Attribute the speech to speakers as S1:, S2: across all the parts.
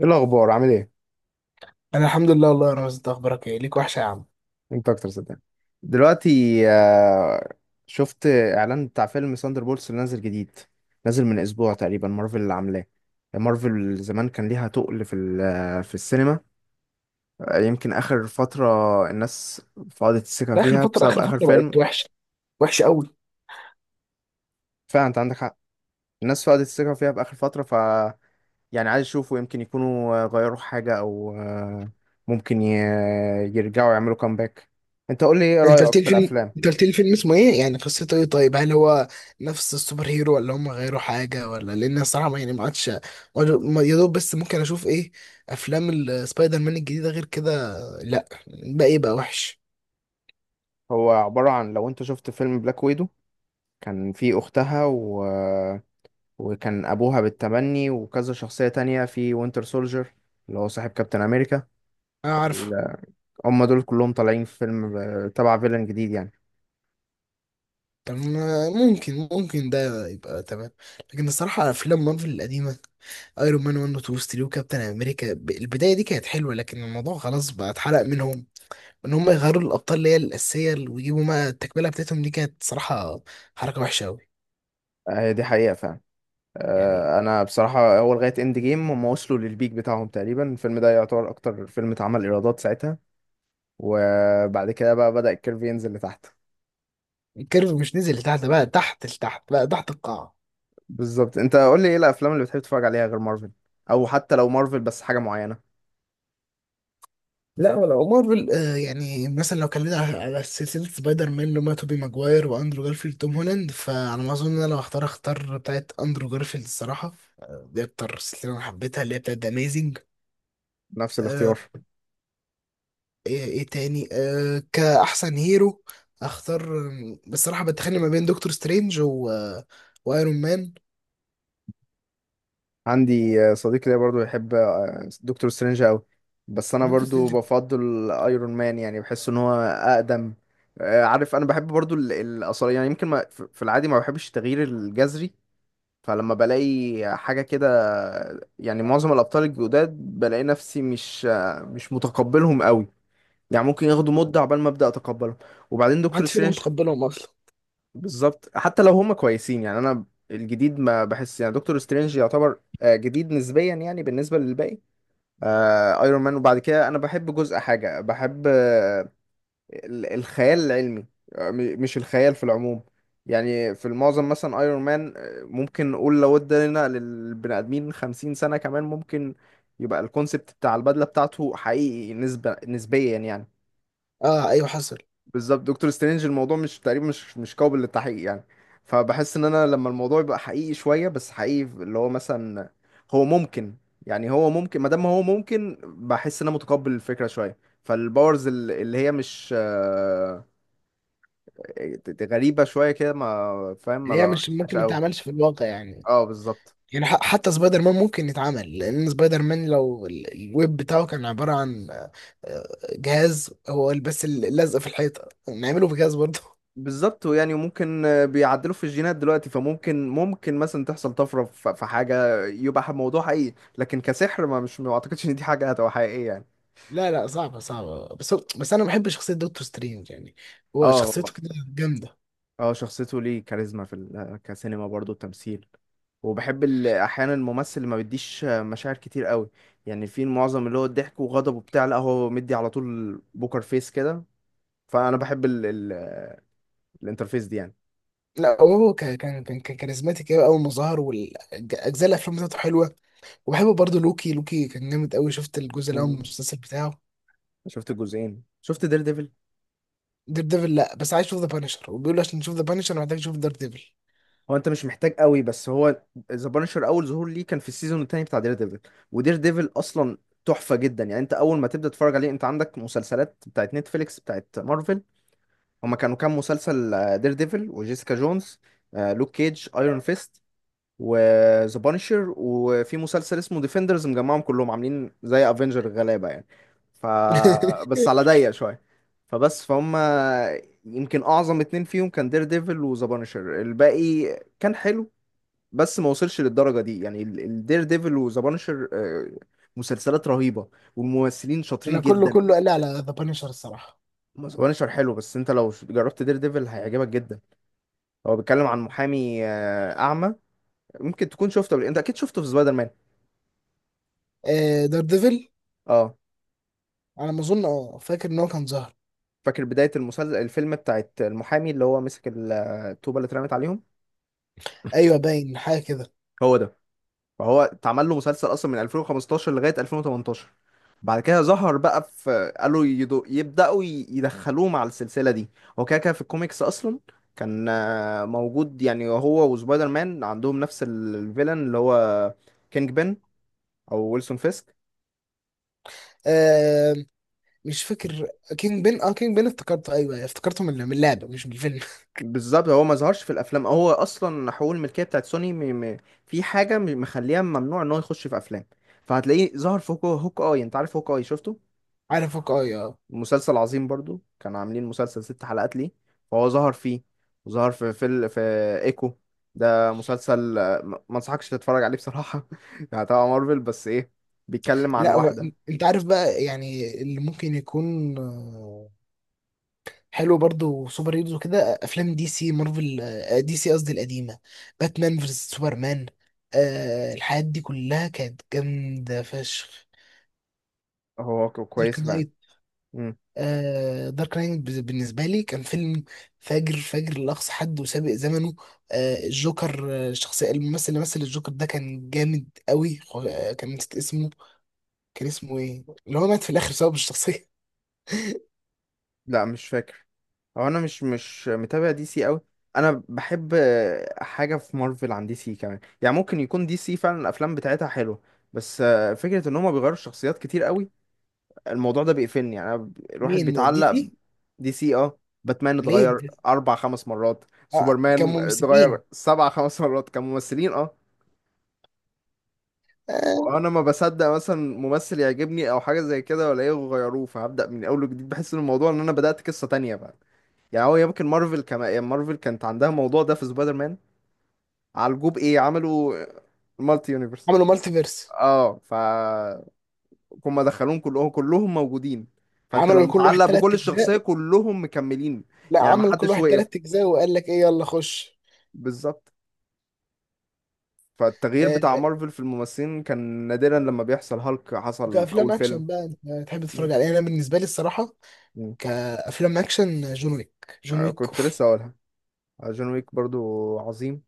S1: ايه الاخبار؟ عامل ايه؟
S2: انا الحمد لله والله يا رامز، انت اخبارك ايه؟ ليك وحشه يا عم.
S1: انت اكتر صدقني. دلوقتي. آه، شفت اعلان بتاع فيلم ساندر بولتس اللي نازل جديد. نازل من اسبوع تقريبا، مارفل اللي عاملاه. مارفل زمان كان ليها تقل في في السينما. يمكن اخر فتره الناس فقدت الثقه
S2: ده اخر
S1: فيها
S2: فتره،
S1: بسبب
S2: اخر
S1: اخر
S2: فتره بقت
S1: فيلم.
S2: وحشه، وحشه قوي.
S1: فعلا انت عندك حق. الناس فقدت الثقه فيها باخر فتره يعني عايز يشوفوا يمكن يكونوا غيروا حاجه او ممكن يرجعوا يعملوا كامباك. انت قول لي ايه
S2: انت
S1: رايك
S2: قلت لي
S1: في
S2: فيلم،
S1: الافلام؟
S2: انت قلت لي فيلم اسمه ايه، يعني قصته ايه؟ طيب، هل هو نفس السوبر هيرو ولا هم غيروا حاجه؟ ولا لان الصراحه ما عادش، يا دوب بس ممكن اشوف ايه، افلام السبايدر مان الجديده غير كده. لا بقى، ايه بقى وحش.
S1: هو عبارة عن لو انت شفت فيلم بلاك ويدو. كان في اختها وكان ابوها بالتبني وكذا شخصية تانية في وينتر سولجر اللي هو صاحب كابتن امريكا.
S2: انا عارف.
S1: ال- هم دول كلهم طالعين في فيلم تبع فيلن جديد يعني.
S2: طب، ممكن ده يبقى تمام. لكن الصراحة أفلام مارفل القديمة ايرون مان 1 و 2 ستيل وكابتن امريكا البدايه دي كانت حلوه، لكن الموضوع خلاص بقى اتحرق منهم. ان هم يغيروا الابطال اللي هي الاساسيه ويجيبوا ما التكمله بتاعتهم، دي كانت صراحه حركه وحشه قوي.
S1: دي حقيقة فعلا.
S2: يعني
S1: انا بصراحة اول لغاية اند جيم هم وصلوا للبيك بتاعهم تقريبا، الفيلم ده يعتبر اكتر فيلم اتعمل ايرادات ساعتها. وبعد كده بقى بدأ الكيرف ينزل لتحت.
S2: الكيرف مش نزل لتحت، بقى تحت لتحت، بقى تحت القاع.
S1: بالظبط. انت قول لي ايه الافلام اللي بتحب تتفرج عليها غير مارفل؟ او حتى لو مارفل بس حاجة معينة.
S2: لا، ولو مارفل، يعني مثلا لو كلمنا على سلسلة سبايدر مان اللي هما توبي ماجواير واندرو جارفيلد توم هولاند، فعلى ما اظن انا لو اختار بتاعت اندرو جارفيلد الصراحة. دي اكتر سلسلة انا حبيتها اللي هي بتاعت ذا اميزنج.
S1: نفس
S2: آه،
S1: الاختيار.
S2: ايه تاني، كأحسن هيرو اختار، بصراحة بتخانق ما بين دكتور سترينج و... آه، وايرون مان.
S1: عندي صديق ليا برضو يحب دكتور سترينج قوي. بس انا
S2: دكتور
S1: برضو
S2: سترينج.
S1: بفضل ايرون مان، يعني بحس ان هو اقدم. عارف انا بحب برضو الاثار، يعني يمكن ما في العادي ما بحبش التغيير الجذري. فلما بلاقي حاجة كده، يعني معظم الابطال الجداد بلاقي نفسي مش متقبلهم قوي. يعني ممكن ياخدوا مدة عقبال ما ابدا اتقبلهم. وبعدين دكتور
S2: محدش فينا
S1: سترينج.
S2: متقبلهم اصلا.
S1: بالظبط حتى لو هم كويسين يعني انا. الجديد ما بحس، يعني دكتور سترينج يعتبر جديد نسبيا يعني بالنسبه للباقي. آه، ايرون مان. وبعد كده انا بحب جزء، حاجه بحب الخيال العلمي. مش الخيال في العموم. يعني في المعظم مثلا ايرون مان ممكن نقول لو ادينا للبني ادمين 50 سنه كمان ممكن يبقى الكونسبت بتاع البدله بتاعته حقيقي، نسبه نسبيا يعني.
S2: اه، ايوه، حصل.
S1: بالظبط، دكتور سترينج الموضوع مش تقريبا مش قابل للتحقيق يعني. فبحس ان انا لما الموضوع يبقى حقيقي شويه، بس حقيقي اللي هو مثلا هو ممكن. يعني هو ممكن، ما دام هو ممكن بحس ان انا متقبل الفكره شويه. فالباورز اللي هي مش غريبه شويه كده، ما فاهم، ما
S2: اللي هي مش
S1: بقاش
S2: ممكن ما
S1: قوي.
S2: تعملش في الواقع يعني.
S1: اه، بالظبط.
S2: يعني حتى سبايدر مان ممكن يتعمل، لان سبايدر مان لو الويب بتاعه كان عبارة عن آه، جهاز، هو بس اللزق في الحيطة نعمله بجهاز برضه.
S1: بالظبط، يعني ممكن بيعدلوا في الجينات دلوقتي فممكن مثلا تحصل طفره في حاجه يبقى موضوع حقيقي، لكن كسحر ما، مش ما اعتقدش ان دي حاجه هتبقى حقيقيه يعني.
S2: لا لا، صعبة صعبة، بس انا بحب شخصية دكتور سترينج، يعني هو
S1: اه.
S2: شخصيته كده جامدة.
S1: اه، شخصيته ليه كاريزما في كسينما برضه، تمثيل. وبحب احيانا الممثل اللي ما بيديش مشاعر كتير قوي. يعني في معظم اللي هو الضحك وغضب وبتاع، لا، هو مدي على طول بوكر فيس كده. فانا بحب ال الانترفيس دي يعني.
S2: لا، هو كان كاريزماتيك قوي اول ما ظهر، والاجزاء الافلام بتاعته حلوة. وبحب برضه لوكي، لوكي كان جامد قوي، شفت الجزء الاول من
S1: مم.
S2: المسلسل بتاعه؟
S1: شفت الجزئين. شفت دير ديفل؟
S2: دير ديفل، لا، بس عايز اشوف ذا بانشر، وبيقولوا عشان نشوف ذا بانشر محتاج نشوف دير ديفل.
S1: هو انت مش محتاج قوي، بس هو ذا بانشر اول ظهور ليه كان في السيزون التاني بتاع دير ديفل. ودير ديفل اصلا تحفة جدا. يعني انت اول ما تبدأ تتفرج عليه، انت عندك مسلسلات بتاعت نتفليكس بتاعت مارفل. هما كانوا كام مسلسل؟ دير ديفل، وجيسيكا جونز، لوك كيج، ايرون فيست، وذا بانشر. وفي مسلسل اسمه ديفندرز مجمعهم كلهم عاملين زي افنجر الغلابه يعني. ف بس على ضيق شويه. فبس فهم يمكن اعظم اتنين فيهم كان دير ديفل وذا بانشر. الباقي كان حلو، بس ما وصلش للدرجه دي. يعني الدير ديفل وذا بانشر مسلسلات رهيبه، والممثلين شاطرين
S2: انا كله
S1: جدا.
S2: كله قال لي على ذا بانيشر الصراحه.
S1: ذا بانشر حلو، بس انت لو جربت دير ديفل هيعجبك جدا. هو بيتكلم عن محامي اعمى. ممكن تكون شفته قبل، انت اكيد شفته في سبايدر مان.
S2: آه، دار ديفل،
S1: اه.
S2: على ما اظن، اه، فاكر ان هو كان ظاهر.
S1: فاكر بدايه المسلسل، الفيلم بتاعت المحامي اللي هو مسك الطوبه اللي اترمت عليهم؟
S2: ايوه، باين حاجه كده.
S1: هو ده. فهو اتعمل له مسلسل اصلا من 2015 لغايه 2018. بعد كده ظهر بقى في، قالوا يدخلوه مع السلسله دي. هو كده كده في الكوميكس اصلا كان موجود. يعني هو وسبايدر مان عندهم نفس الفيلن اللي هو كينج بن، او ويلسون فيسك.
S2: آه، مش فاكر. كينج بين، اه، كينج بين افتكرته، ايوه، أيوة، افتكرته من اللعبه مش من الفيلم.
S1: بالظبط، هو ما ظهرش في الافلام. هو اصلا حقوق الملكيه بتاعت سوني في حاجه مخليها ممنوع ان هو يخش في افلام. فهتلاقيه ظهر في هوك اي. انت عارف هوك اي؟ شفته؟
S2: عارفك اه يا.
S1: مسلسل عظيم برضو، كانوا عاملين مسلسل ست حلقات ليه فهو ظهر فيه. وظهر في ايكو. ده مسلسل ما انصحكش تتفرج عليه بصراحه يعني تبع مارفل بس ايه. بيتكلم عن
S2: لا،
S1: واحده.
S2: انت عارف بقى، يعني اللي ممكن يكون حلو برضو سوبر هيروز وكده، افلام دي سي، مارفل، دي سي قصدي، القديمه، باتمان فيرس سوبرمان. آه، الحاجات دي كلها كانت جامده فشخ.
S1: هو
S2: دارك
S1: كويس فعلا.
S2: نايت. آه، دارك نايت بالنسبة لي كان فيلم فاجر، فاجر لأقصى حد وسابق زمنه. آه، الجوكر، الشخصية الممثل اللي مثل الجوكر ده كان جامد قوي، كان، نسيت اسمه. كان اسمه ايه اللي هو مات في الآخر بسبب الشخصية؟
S1: لا، مش فاكر. هو انا مش متابع دي سي قوي. انا بحب حاجه في مارفل عن دي سي كمان، يعني ممكن يكون دي سي فعلا الافلام بتاعتها حلوه، بس فكره ان هما بيغيروا الشخصيات كتير قوي الموضوع ده بيقفلني. يعني أنا الواحد
S2: مين، دي
S1: بيتعلق
S2: سي؟
S1: دي سي. اه. باتمان
S2: ليه
S1: اتغير
S2: دي؟
S1: اربع، خمس مرات.
S2: آه، كان
S1: سوبرمان اتغير
S2: ممثلين.
S1: سبع، خمس مرات كممثلين. اه.
S2: آه.
S1: وانا ما بصدق مثلا ممثل يعجبني او حاجه زي كده ولا ايه، غيروه، فهبدا من اول وجديد بحس ان الموضوع ان انا بدات قصه تانية. يعني هو يمكن مارفل كما يعني مارفل كانت عندها موضوع ده في سبايدر مان. عالجوه بايه؟ عملوا مالتي يونيفرس.
S2: عملوا مالتيفيرس.
S1: اه. هم دخلوهم كلهم موجودين، فانت لو
S2: عملوا لكل واحد
S1: متعلق بكل
S2: تلات
S1: الشخصيه
S2: أجزاء.
S1: كلهم مكملين.
S2: لا،
S1: يعني ما
S2: عمل لكل
S1: حدش
S2: واحد
S1: وقف.
S2: تلات أجزاء وقال لك ايه، يلا خش.
S1: بالظبط. فالتغيير
S2: آه.
S1: بتاع مارفل في الممثلين كان نادرا لما بيحصل. هالك حصل في
S2: كأفلام
S1: اول فيلم.
S2: أكشن بقى، أنت تحب
S1: م.
S2: تتفرج على إيه؟ أنا بالنسبة لي الصراحة،
S1: م.
S2: كافلام اكشن، جون ويك، جون ويك
S1: كنت
S2: أوف.
S1: لسه اقولها. جون ويك برضو عظيم.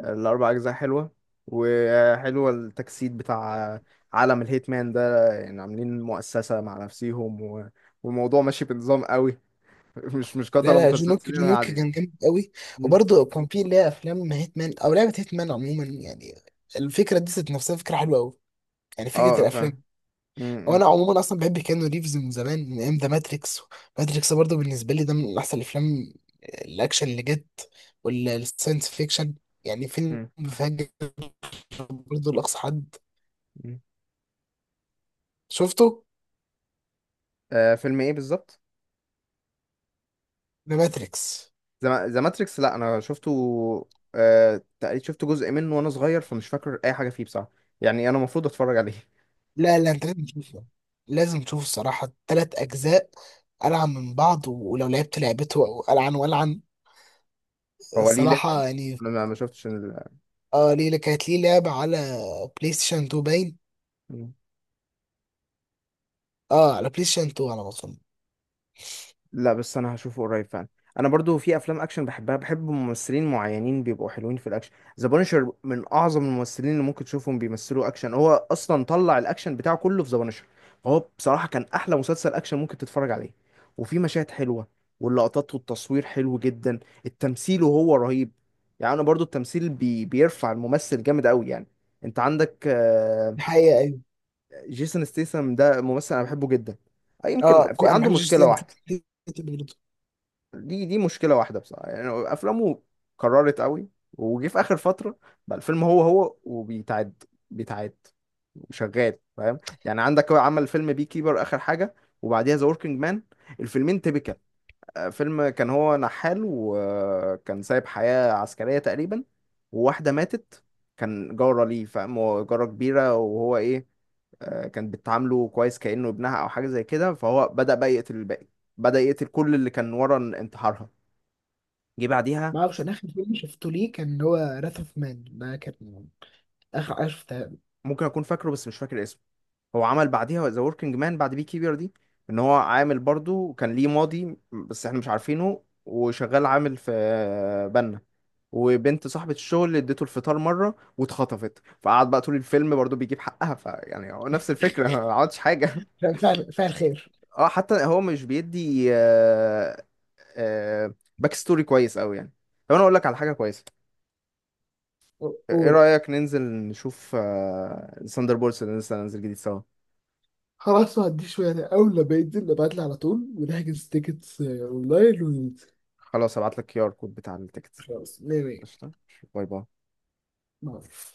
S1: الأربع أجزاء حلوة. وحلوة التجسيد بتاع عالم الهيتمان ده. يعني عاملين مؤسسة مع نفسيهم والموضوع ماشي بنظام قوي. مش
S2: لا
S1: قتلة
S2: لا، جون ويك،
S1: متسلسلين
S2: جون ويك
S1: عادي.
S2: كان جامد قوي.
S1: مم.
S2: وبرضه كان في اللي هي افلام هيتمان او لعبه هيتمان عموما، يعني الفكره دي ذات نفسها فكره حلوه قوي، يعني فكره
S1: اه،
S2: الافلام.
S1: فاهم. م-
S2: هو
S1: م-
S2: انا عموما اصلا بحب كيانو ريفز من زمان، من ايام ذا ماتريكس. ماتريكس برضه بالنسبه لي ده من احسن الافلام، الاكشن اللي جت، والساينس فيكشن، يعني فيلم
S1: م-
S2: فاجر، برضه لاقصى حد.
S1: م.
S2: شفته؟
S1: آه فيلم ايه بالظبط؟
S2: ذا ماتريكس.
S1: ذا ماتريكس؟ لا، انا شفته. تقريبا شفت جزء منه وانا صغير، فمش فاكر اي حاجه فيه بصراحه. يعني انا المفروض اتفرج عليه.
S2: لا لا، انت لازم تشوفه، لازم تشوف الصراحة تلات أجزاء ألعن من بعض، ولو لعبت لعبته أو ألعن وألعن.
S1: هو ليه لعبه؟
S2: الصراحة يعني.
S1: انا ما شفتش.
S2: اه، ليه كانت ليه لعبة على بلاي ستيشن 2، باين.
S1: ال...
S2: اه، على بلاي ستيشن 2 على ما أظن.
S1: لا، بس انا هشوفه قريب فعلا. انا برضو في افلام اكشن بحبها، بحب ممثلين معينين بيبقوا حلوين في الاكشن. ذا بانشر من اعظم الممثلين اللي ممكن تشوفهم بيمثلوا اكشن. هو اصلا طلع الاكشن بتاعه كله في ذا بانشر، فهو بصراحه كان احلى مسلسل اكشن ممكن تتفرج عليه. وفي مشاهد حلوه، واللقطات والتصوير حلو جدا، التمثيل وهو رهيب. يعني انا برضو التمثيل بيرفع الممثل جامد قوي يعني. انت عندك
S2: الحقيقة أيوة.
S1: جيسون ستيسم ده ممثل انا بحبه جدا.
S2: اه،
S1: يمكن في
S2: أنا ما
S1: عنده
S2: بحبش
S1: مشكله
S2: جيسلام.
S1: واحده. دي مشكله واحده بصراحه. يعني افلامه كررت قوي، وجي في اخر فتره بقى الفيلم هو وبيتعد، بيتعد، وشغال، فاهم يعني. عندك هو عمل فيلم بي كيبر اخر حاجه، وبعديها ذا وركينج مان، الفيلمين تيبيكال. فيلم كان هو نحال، وكان سايب حياه عسكريه تقريبا، وواحده ماتت كان جاره ليه، فاهم، هو جاره كبيره وهو ايه، كان بتعامله كويس كانه ابنها او حاجه زي كده. فهو بدا بقى يقتل الباقي، بدا يقتل كل اللي كان ورا انتحارها. جه بعديها.
S2: ما اعرفش، انا اخر فيلم شفته ليه كان هو راث اوف مان، ده كان اخر حاجه شفتها.
S1: ممكن اكون فاكره بس مش فاكر اسمه. هو عمل بعديها ذا وركينج مان بعد بي كيبر دي، ان هو عامل برضو كان ليه ماضي بس احنا مش عارفينه، وشغال عامل في بنا، وبنت صاحبة الشغل اللي اديته الفطار مرة واتخطفت، فقعد بقى طول الفيلم برضو بيجيب حقها. فيعني هو نفس الفكرة ما عملتش حاجة
S2: فعل فعل خير.
S1: اه، حتى هو مش بيدي آه باك ستوري كويس قوي يعني. طب انا اقول لك على حاجة كويسة. ايه
S2: قول.
S1: رأيك ننزل نشوف ساندر بولس اللي لسه هننزل جديد سوا؟
S2: خلاص، ما عنديش مانع، اول لما ينزل ابعت لي على طول، ونحجز تيكتس اونلاين وننزل.
S1: خلاص هبعت لك QR كود بتاع التيكت.
S2: خلاص، مية مية.
S1: قشطة. باي باي.
S2: مع